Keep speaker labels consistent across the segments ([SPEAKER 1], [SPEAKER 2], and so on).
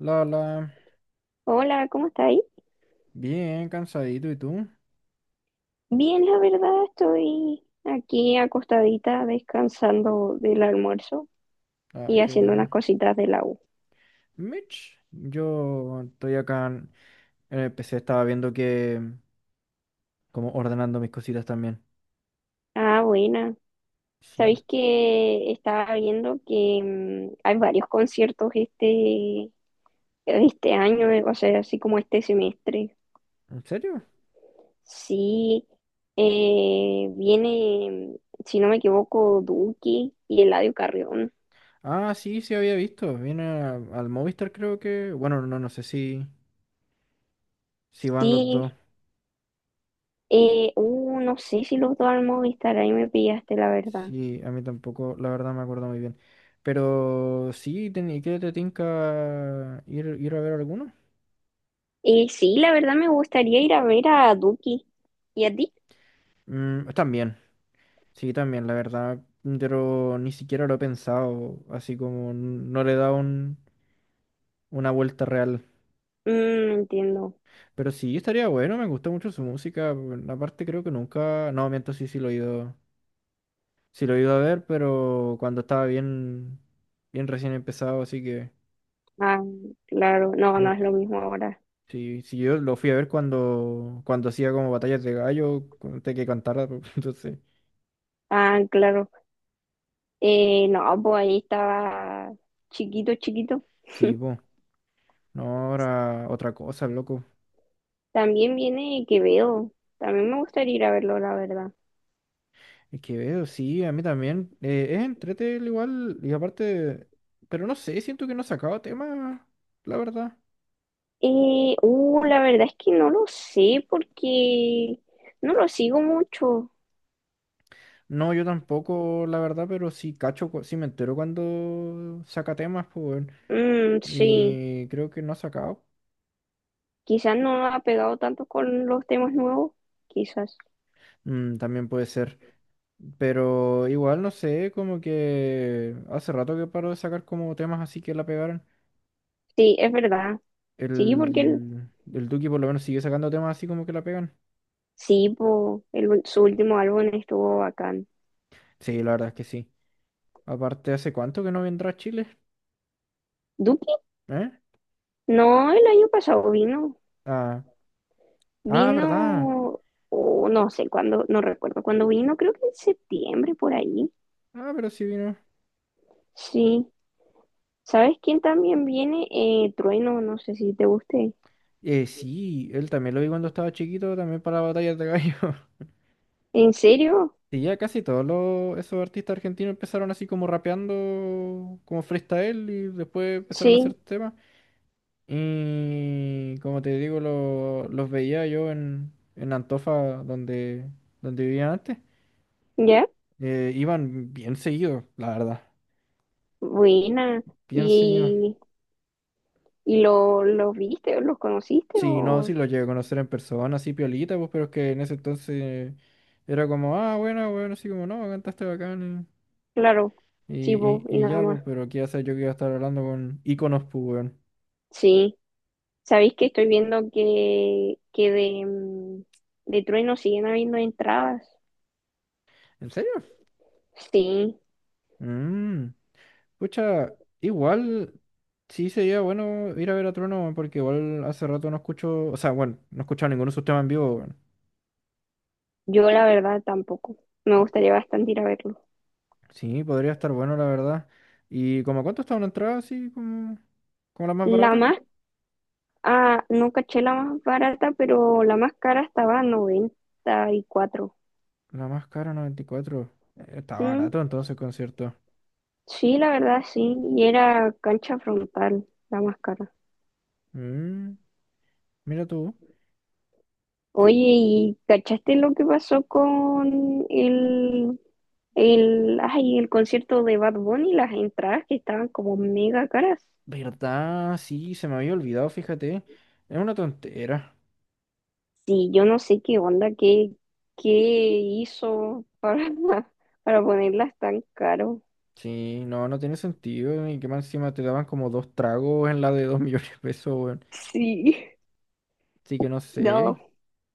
[SPEAKER 1] La, la,
[SPEAKER 2] Hola, ¿cómo está ahí?
[SPEAKER 1] Bien cansadito, ¿y tú?
[SPEAKER 2] Bien, la verdad, estoy aquí acostadita descansando del almuerzo
[SPEAKER 1] Ah,
[SPEAKER 2] y
[SPEAKER 1] qué
[SPEAKER 2] haciendo unas
[SPEAKER 1] bueno.
[SPEAKER 2] cositas de la U.
[SPEAKER 1] Mitch, yo estoy acá en el PC, estaba viendo que, como ordenando mis cositas también.
[SPEAKER 2] Ah, buena.
[SPEAKER 1] Sí,
[SPEAKER 2] Sabéis que estaba viendo que hay varios conciertos este año, o sea, así como este semestre.
[SPEAKER 1] ¿en serio?
[SPEAKER 2] Sí, viene, si no me equivoco, Duki y Eladio Carrión.
[SPEAKER 1] Ah, sí, sí había visto. Viene al Movistar, creo que. Bueno, no, no sé si, van los dos.
[SPEAKER 2] Sí, no sé si los dos al Movistar, ahí me pillaste, la verdad.
[SPEAKER 1] Sí, a mí tampoco, la verdad me acuerdo muy bien. Pero sí, ¿y qué te tinca ir a ver alguno?
[SPEAKER 2] Sí, la verdad me gustaría ir a ver a Duki. ¿Y a ti?
[SPEAKER 1] Están bien, sí, también, la verdad, pero ni siquiera lo he pensado, así como no le he dado una vuelta real.
[SPEAKER 2] Mm, entiendo.
[SPEAKER 1] Pero sí, estaría bueno, me gusta mucho su música. Bueno, aparte creo que nunca, no, miento, sí, sí lo he ido a ver, pero cuando estaba bien, bien recién empezado, así que
[SPEAKER 2] Ah, claro. No, no
[SPEAKER 1] no,
[SPEAKER 2] es lo mismo ahora.
[SPEAKER 1] sí, sí, yo lo fui a ver cuando hacía como batallas de gallo, antes que cantara, entonces,
[SPEAKER 2] Ah, claro. No, pues ahí estaba chiquito, chiquito.
[SPEAKER 1] sí, pues, no, ahora otra cosa, loco.
[SPEAKER 2] También viene Quevedo. También me gustaría ir a verlo, la verdad.
[SPEAKER 1] Es que veo, sí, a mí también. Es entrete el igual, y aparte, pero no sé, siento que no he sacado tema, la verdad.
[SPEAKER 2] La verdad es que no lo sé porque no lo sigo mucho.
[SPEAKER 1] No, yo tampoco, la verdad, pero sí cacho, sí me entero cuando saca temas, pues, weón.
[SPEAKER 2] Mm, sí,
[SPEAKER 1] Y creo que no ha sacado.
[SPEAKER 2] quizás no ha pegado tanto con los temas nuevos, quizás.
[SPEAKER 1] También puede ser. Pero igual, no sé, como que hace rato que paró de sacar como temas así que la pegaron.
[SPEAKER 2] Sí, es verdad. Sí, porque
[SPEAKER 1] El Duki por lo menos sigue sacando temas así como que la pegan.
[SPEAKER 2] Sí, po, el su último álbum estuvo bacán.
[SPEAKER 1] Sí, la verdad es que sí. Aparte, ¿hace cuánto que no vendrá a Chile?
[SPEAKER 2] ¿Duki?
[SPEAKER 1] ¿Eh?
[SPEAKER 2] No, el año pasado vino.
[SPEAKER 1] Ah, ah, ¿verdad?
[SPEAKER 2] Vino, o no sé cuándo, no recuerdo cuándo vino, creo que en septiembre por ahí.
[SPEAKER 1] Ah, pero sí vino.
[SPEAKER 2] Sí. ¿Sabes quién también viene? Trueno, no sé si te guste.
[SPEAKER 1] Sí, él también lo vi cuando estaba chiquito, también para batallas de gallo.
[SPEAKER 2] ¿En serio?
[SPEAKER 1] Sí, ya casi todos esos artistas argentinos empezaron así como rapeando, como freestyle, y después empezaron a hacer
[SPEAKER 2] Sí,
[SPEAKER 1] temas. Y como te digo, los veía yo en Antofa, donde, donde vivía antes.
[SPEAKER 2] ¿ya?
[SPEAKER 1] Iban bien seguidos, la verdad.
[SPEAKER 2] Buena.
[SPEAKER 1] Bien seguidos.
[SPEAKER 2] ¿Y, y lo, los viste o los conociste?
[SPEAKER 1] Sí, no,
[SPEAKER 2] O...
[SPEAKER 1] sí lo llegué a conocer en persona, así piolita, pues, pero es que en ese entonces era como, ah, bueno, bueno, así como, no, cantaste bacán.
[SPEAKER 2] Claro, sí, po,
[SPEAKER 1] eh, Y,
[SPEAKER 2] y
[SPEAKER 1] y, y
[SPEAKER 2] nada
[SPEAKER 1] ya, pues,
[SPEAKER 2] más.
[SPEAKER 1] pero qué hacer yo que iba a estar hablando con íconos, pues, weón.
[SPEAKER 2] Sí. Sabéis que estoy viendo que de, de Trueno siguen habiendo entradas.
[SPEAKER 1] ¿En serio?
[SPEAKER 2] Sí,
[SPEAKER 1] Mmm. Pucha, igual sí sería bueno ir a ver a Trueno, weón, porque igual hace rato no escucho, o sea, bueno, no he escuchado ninguno de sus temas en vivo, weón.
[SPEAKER 2] yo la verdad tampoco. Me gustaría bastante ir a verlo.
[SPEAKER 1] Sí, podría estar bueno, la verdad. ¿Y como cuánto está una entrada así, como la más
[SPEAKER 2] La
[SPEAKER 1] barata?
[SPEAKER 2] más, ah, no caché la más barata, pero la más cara estaba a 94.
[SPEAKER 1] La más cara, 94. Está
[SPEAKER 2] Mm,
[SPEAKER 1] barato entonces el concierto.
[SPEAKER 2] sí, la verdad sí. Y era cancha frontal, la más cara.
[SPEAKER 1] Mm, mira tú. Qui-
[SPEAKER 2] Oye, ¿y cachaste lo que pasó con ay, el concierto de Bad Bunny? Las entradas que estaban como mega caras.
[SPEAKER 1] ¿Verdad? Sí, se me había olvidado, fíjate. Es una tontera.
[SPEAKER 2] Sí, yo no sé qué onda, qué hizo para, para ponerlas tan caro.
[SPEAKER 1] Sí, no, no tiene sentido. Y que más encima te daban como dos tragos en la de 2 millones de pesos, weón.
[SPEAKER 2] Sí,
[SPEAKER 1] Así que no sé.
[SPEAKER 2] no,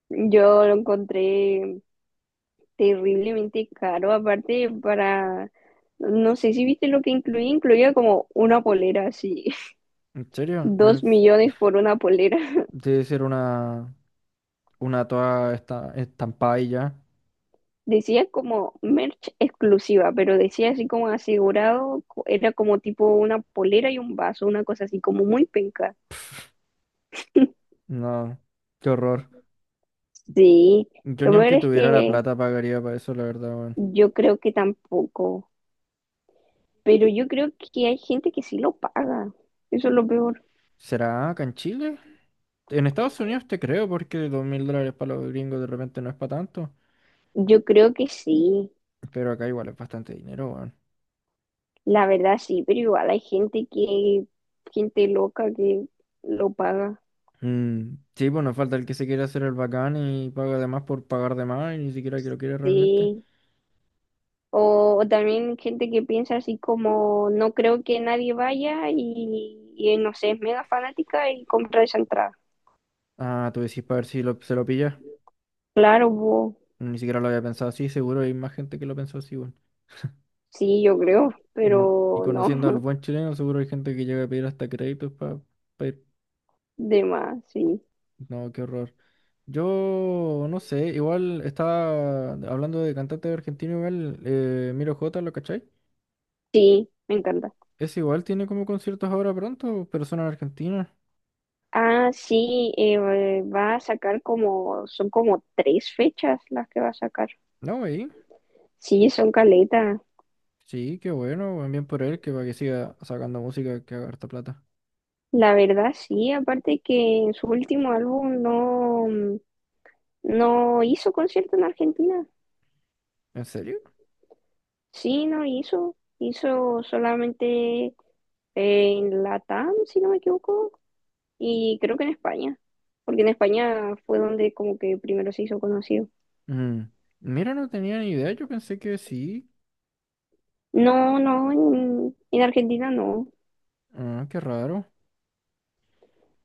[SPEAKER 2] yo lo encontré terriblemente caro. Aparte, para, no sé si viste lo que incluía, incluía como una polera, sí,
[SPEAKER 1] En serio,
[SPEAKER 2] dos
[SPEAKER 1] más
[SPEAKER 2] millones por una polera.
[SPEAKER 1] debe ser una toda esta, estampada y ya.
[SPEAKER 2] Decía como merch exclusiva, pero decía así como asegurado, era como tipo una polera y un vaso, una cosa así como muy penca.
[SPEAKER 1] No, qué horror.
[SPEAKER 2] Sí.
[SPEAKER 1] Yo
[SPEAKER 2] Lo
[SPEAKER 1] ni
[SPEAKER 2] peor
[SPEAKER 1] aunque
[SPEAKER 2] es
[SPEAKER 1] tuviera la
[SPEAKER 2] que
[SPEAKER 1] plata pagaría para eso, la verdad, weón.
[SPEAKER 2] Yo creo que tampoco, pero yo creo que hay gente que sí lo paga. Eso es lo peor.
[SPEAKER 1] ¿Será acá en Chile? En Estados Unidos te creo porque $2.000 para los gringos de repente no es para tanto,
[SPEAKER 2] Yo creo que sí,
[SPEAKER 1] pero acá igual es bastante dinero, weón.
[SPEAKER 2] la verdad sí, pero igual hay gente que, gente loca que lo paga,
[SPEAKER 1] Mm, sí, pues nos falta el que se quiere hacer el bacán y paga de más por pagar de más y ni siquiera que lo quiere realmente.
[SPEAKER 2] sí. O también gente que piensa así como, no creo que nadie vaya y no sé, es mega fanática y compra esa entrada.
[SPEAKER 1] Ah, tú decís para ver si se lo pilla.
[SPEAKER 2] Claro, po,
[SPEAKER 1] Ni siquiera lo había pensado así, seguro hay más gente que lo pensó así, weón.
[SPEAKER 2] sí, yo creo,
[SPEAKER 1] Mm, y
[SPEAKER 2] pero
[SPEAKER 1] conociendo al
[SPEAKER 2] no,
[SPEAKER 1] buen chileno, seguro hay gente que llega a pedir hasta créditos para ir.
[SPEAKER 2] de más, sí.
[SPEAKER 1] No, qué horror. Yo no sé, igual estaba hablando de cantante argentino, igual, Miro J, ¿lo cachai?
[SPEAKER 2] Sí, me encanta.
[SPEAKER 1] Es igual, tiene como conciertos ahora pronto, pero son en Argentina.
[SPEAKER 2] Ah, sí, va a sacar como, son como tres fechas las que va a sacar.
[SPEAKER 1] No, güey.
[SPEAKER 2] Sí, son caleta.
[SPEAKER 1] Sí, qué bueno, weón, bien por él, que para que siga sacando música que haga harta plata.
[SPEAKER 2] La verdad, sí, aparte que en su último álbum no, no hizo concierto en Argentina.
[SPEAKER 1] ¿En serio?
[SPEAKER 2] Sí, no hizo. Hizo solamente en Latam, si no me equivoco, y creo que en España, porque en España fue donde como que primero se hizo conocido.
[SPEAKER 1] Mm, Mira, no tenía ni idea, yo pensé que sí.
[SPEAKER 2] No, no, en Argentina no.
[SPEAKER 1] Ah, qué raro.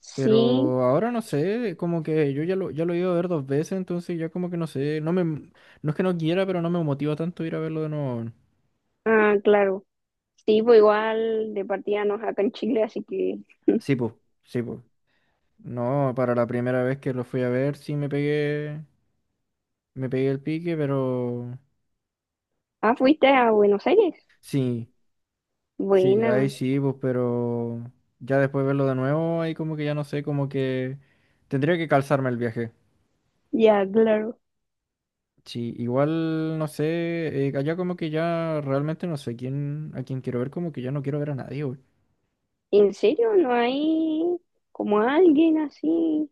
[SPEAKER 2] Sí,
[SPEAKER 1] Pero ahora no sé, como que yo ya lo he ido a ver dos veces, entonces ya como que no sé, no me, no es que no quiera, pero no me motiva tanto ir a verlo de nuevo.
[SPEAKER 2] ah, claro. Sí, pues igual de partida no es acá en Chile, así que...
[SPEAKER 1] Sí, pues, sí, pues. No, para la primera vez que lo fui a ver sí me pegué el pique, pero
[SPEAKER 2] Ah, fuiste a Buenos Aires.
[SPEAKER 1] sí. Sí, ahí
[SPEAKER 2] Buena.
[SPEAKER 1] sí, pues, pero ya después de verlo de nuevo, ahí como que ya no sé, como que tendría que calzarme el viaje.
[SPEAKER 2] Ya, claro.
[SPEAKER 1] Sí, igual no sé, allá como que ya realmente no sé a quién quiero ver, como que ya no quiero ver a nadie, güey.
[SPEAKER 2] ¿En serio? ¿No hay como alguien así?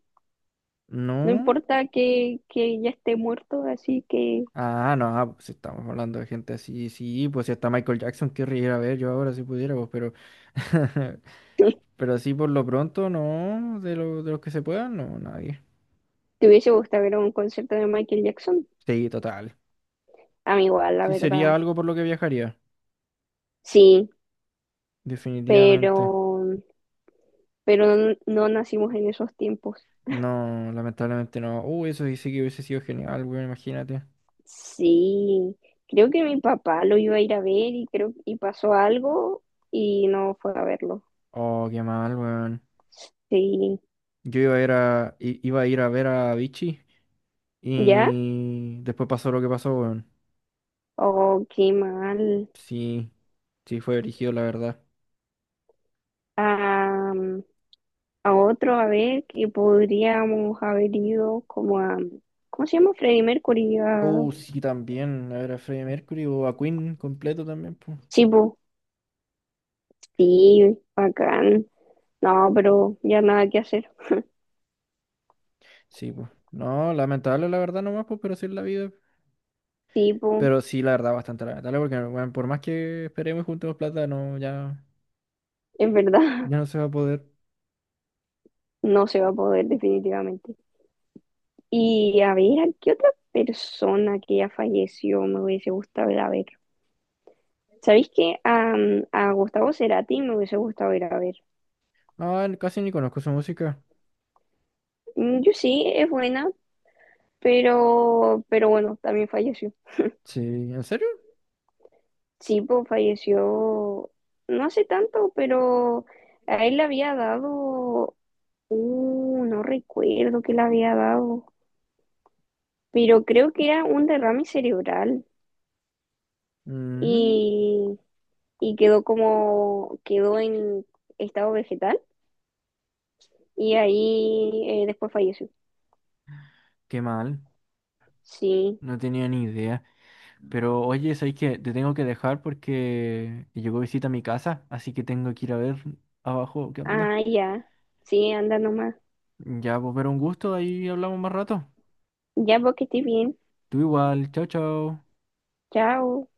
[SPEAKER 2] No
[SPEAKER 1] ¿No?
[SPEAKER 2] importa que ya esté muerto, así que...
[SPEAKER 1] Ah, no, pues estamos hablando de gente así, sí, pues si hasta Michael Jackson querría ir a ver yo ahora si pudiera, pues, pero, pero así por lo pronto, no, de los que se puedan, no, nadie.
[SPEAKER 2] ¿Te hubiese gustado ver un concierto de Michael Jackson?
[SPEAKER 1] Sí, total.
[SPEAKER 2] A mí igual, la
[SPEAKER 1] Sí, sería
[SPEAKER 2] verdad.
[SPEAKER 1] algo por lo que viajaría,
[SPEAKER 2] Sí,
[SPEAKER 1] definitivamente.
[SPEAKER 2] pero... Pero no, no nacimos en esos tiempos.
[SPEAKER 1] No, lamentablemente no. Uy, eso sí sí que hubiese sido genial, weón, imagínate.
[SPEAKER 2] Sí, creo que mi papá lo iba a ir a ver y creo y pasó algo y no fue a verlo.
[SPEAKER 1] Oh, qué mal, weón.
[SPEAKER 2] Sí,
[SPEAKER 1] Yo iba a ir a ver a Vichy
[SPEAKER 2] ¿ya?
[SPEAKER 1] y después pasó lo que pasó, weón.
[SPEAKER 2] Oh, qué mal.
[SPEAKER 1] Sí, sí fue erigido, la verdad.
[SPEAKER 2] A, a otro, a ver, que podríamos haber ido como a, ¿cómo se llama? Freddie Mercury. A...
[SPEAKER 1] Sí, también. A ver a Freddie Mercury o a Queen completo también, pues.
[SPEAKER 2] Sí, po. Sí, bacán. No, pero ya nada que hacer.
[SPEAKER 1] Sí, pues. No, lamentable, la verdad, nomás, pues, pero sí es la vida.
[SPEAKER 2] Sí, po,
[SPEAKER 1] Pero sí, la verdad, bastante lamentable, porque, weón, por más que esperemos y juntemos plata, no, ya,
[SPEAKER 2] es verdad,
[SPEAKER 1] ya no se va a poder.
[SPEAKER 2] no se va a poder definitivamente. Y a ver, ¿a qué otra persona que ya falleció me hubiese gustado ir a ver? ¿Sabéis que a Gustavo Cerati me hubiese gustado ir a ver?
[SPEAKER 1] No, casi ni conozco su música.
[SPEAKER 2] Mm, yo sí, es buena, pero bueno, también falleció.
[SPEAKER 1] Sí, ¿en serio?
[SPEAKER 2] Sí, pues falleció no hace tanto, pero a él le había dado, no recuerdo qué le había dado, pero creo que era un derrame cerebral
[SPEAKER 1] Mm,
[SPEAKER 2] y, y quedó como, quedó en estado vegetal. Y ahí después falleció.
[SPEAKER 1] qué mal,
[SPEAKER 2] Sí.
[SPEAKER 1] no tenía ni idea. Pero oye, ¿sabes que te tengo que dejar porque llegó visita a mi casa? Así que tengo que ir a ver abajo qué onda.
[SPEAKER 2] Ah, ya. Sí, anda nomás.
[SPEAKER 1] Ya, pues, pero un gusto, ahí hablamos más rato.
[SPEAKER 2] Ya, vos que estés bien.
[SPEAKER 1] Tú igual, chao, chao.
[SPEAKER 2] Chao.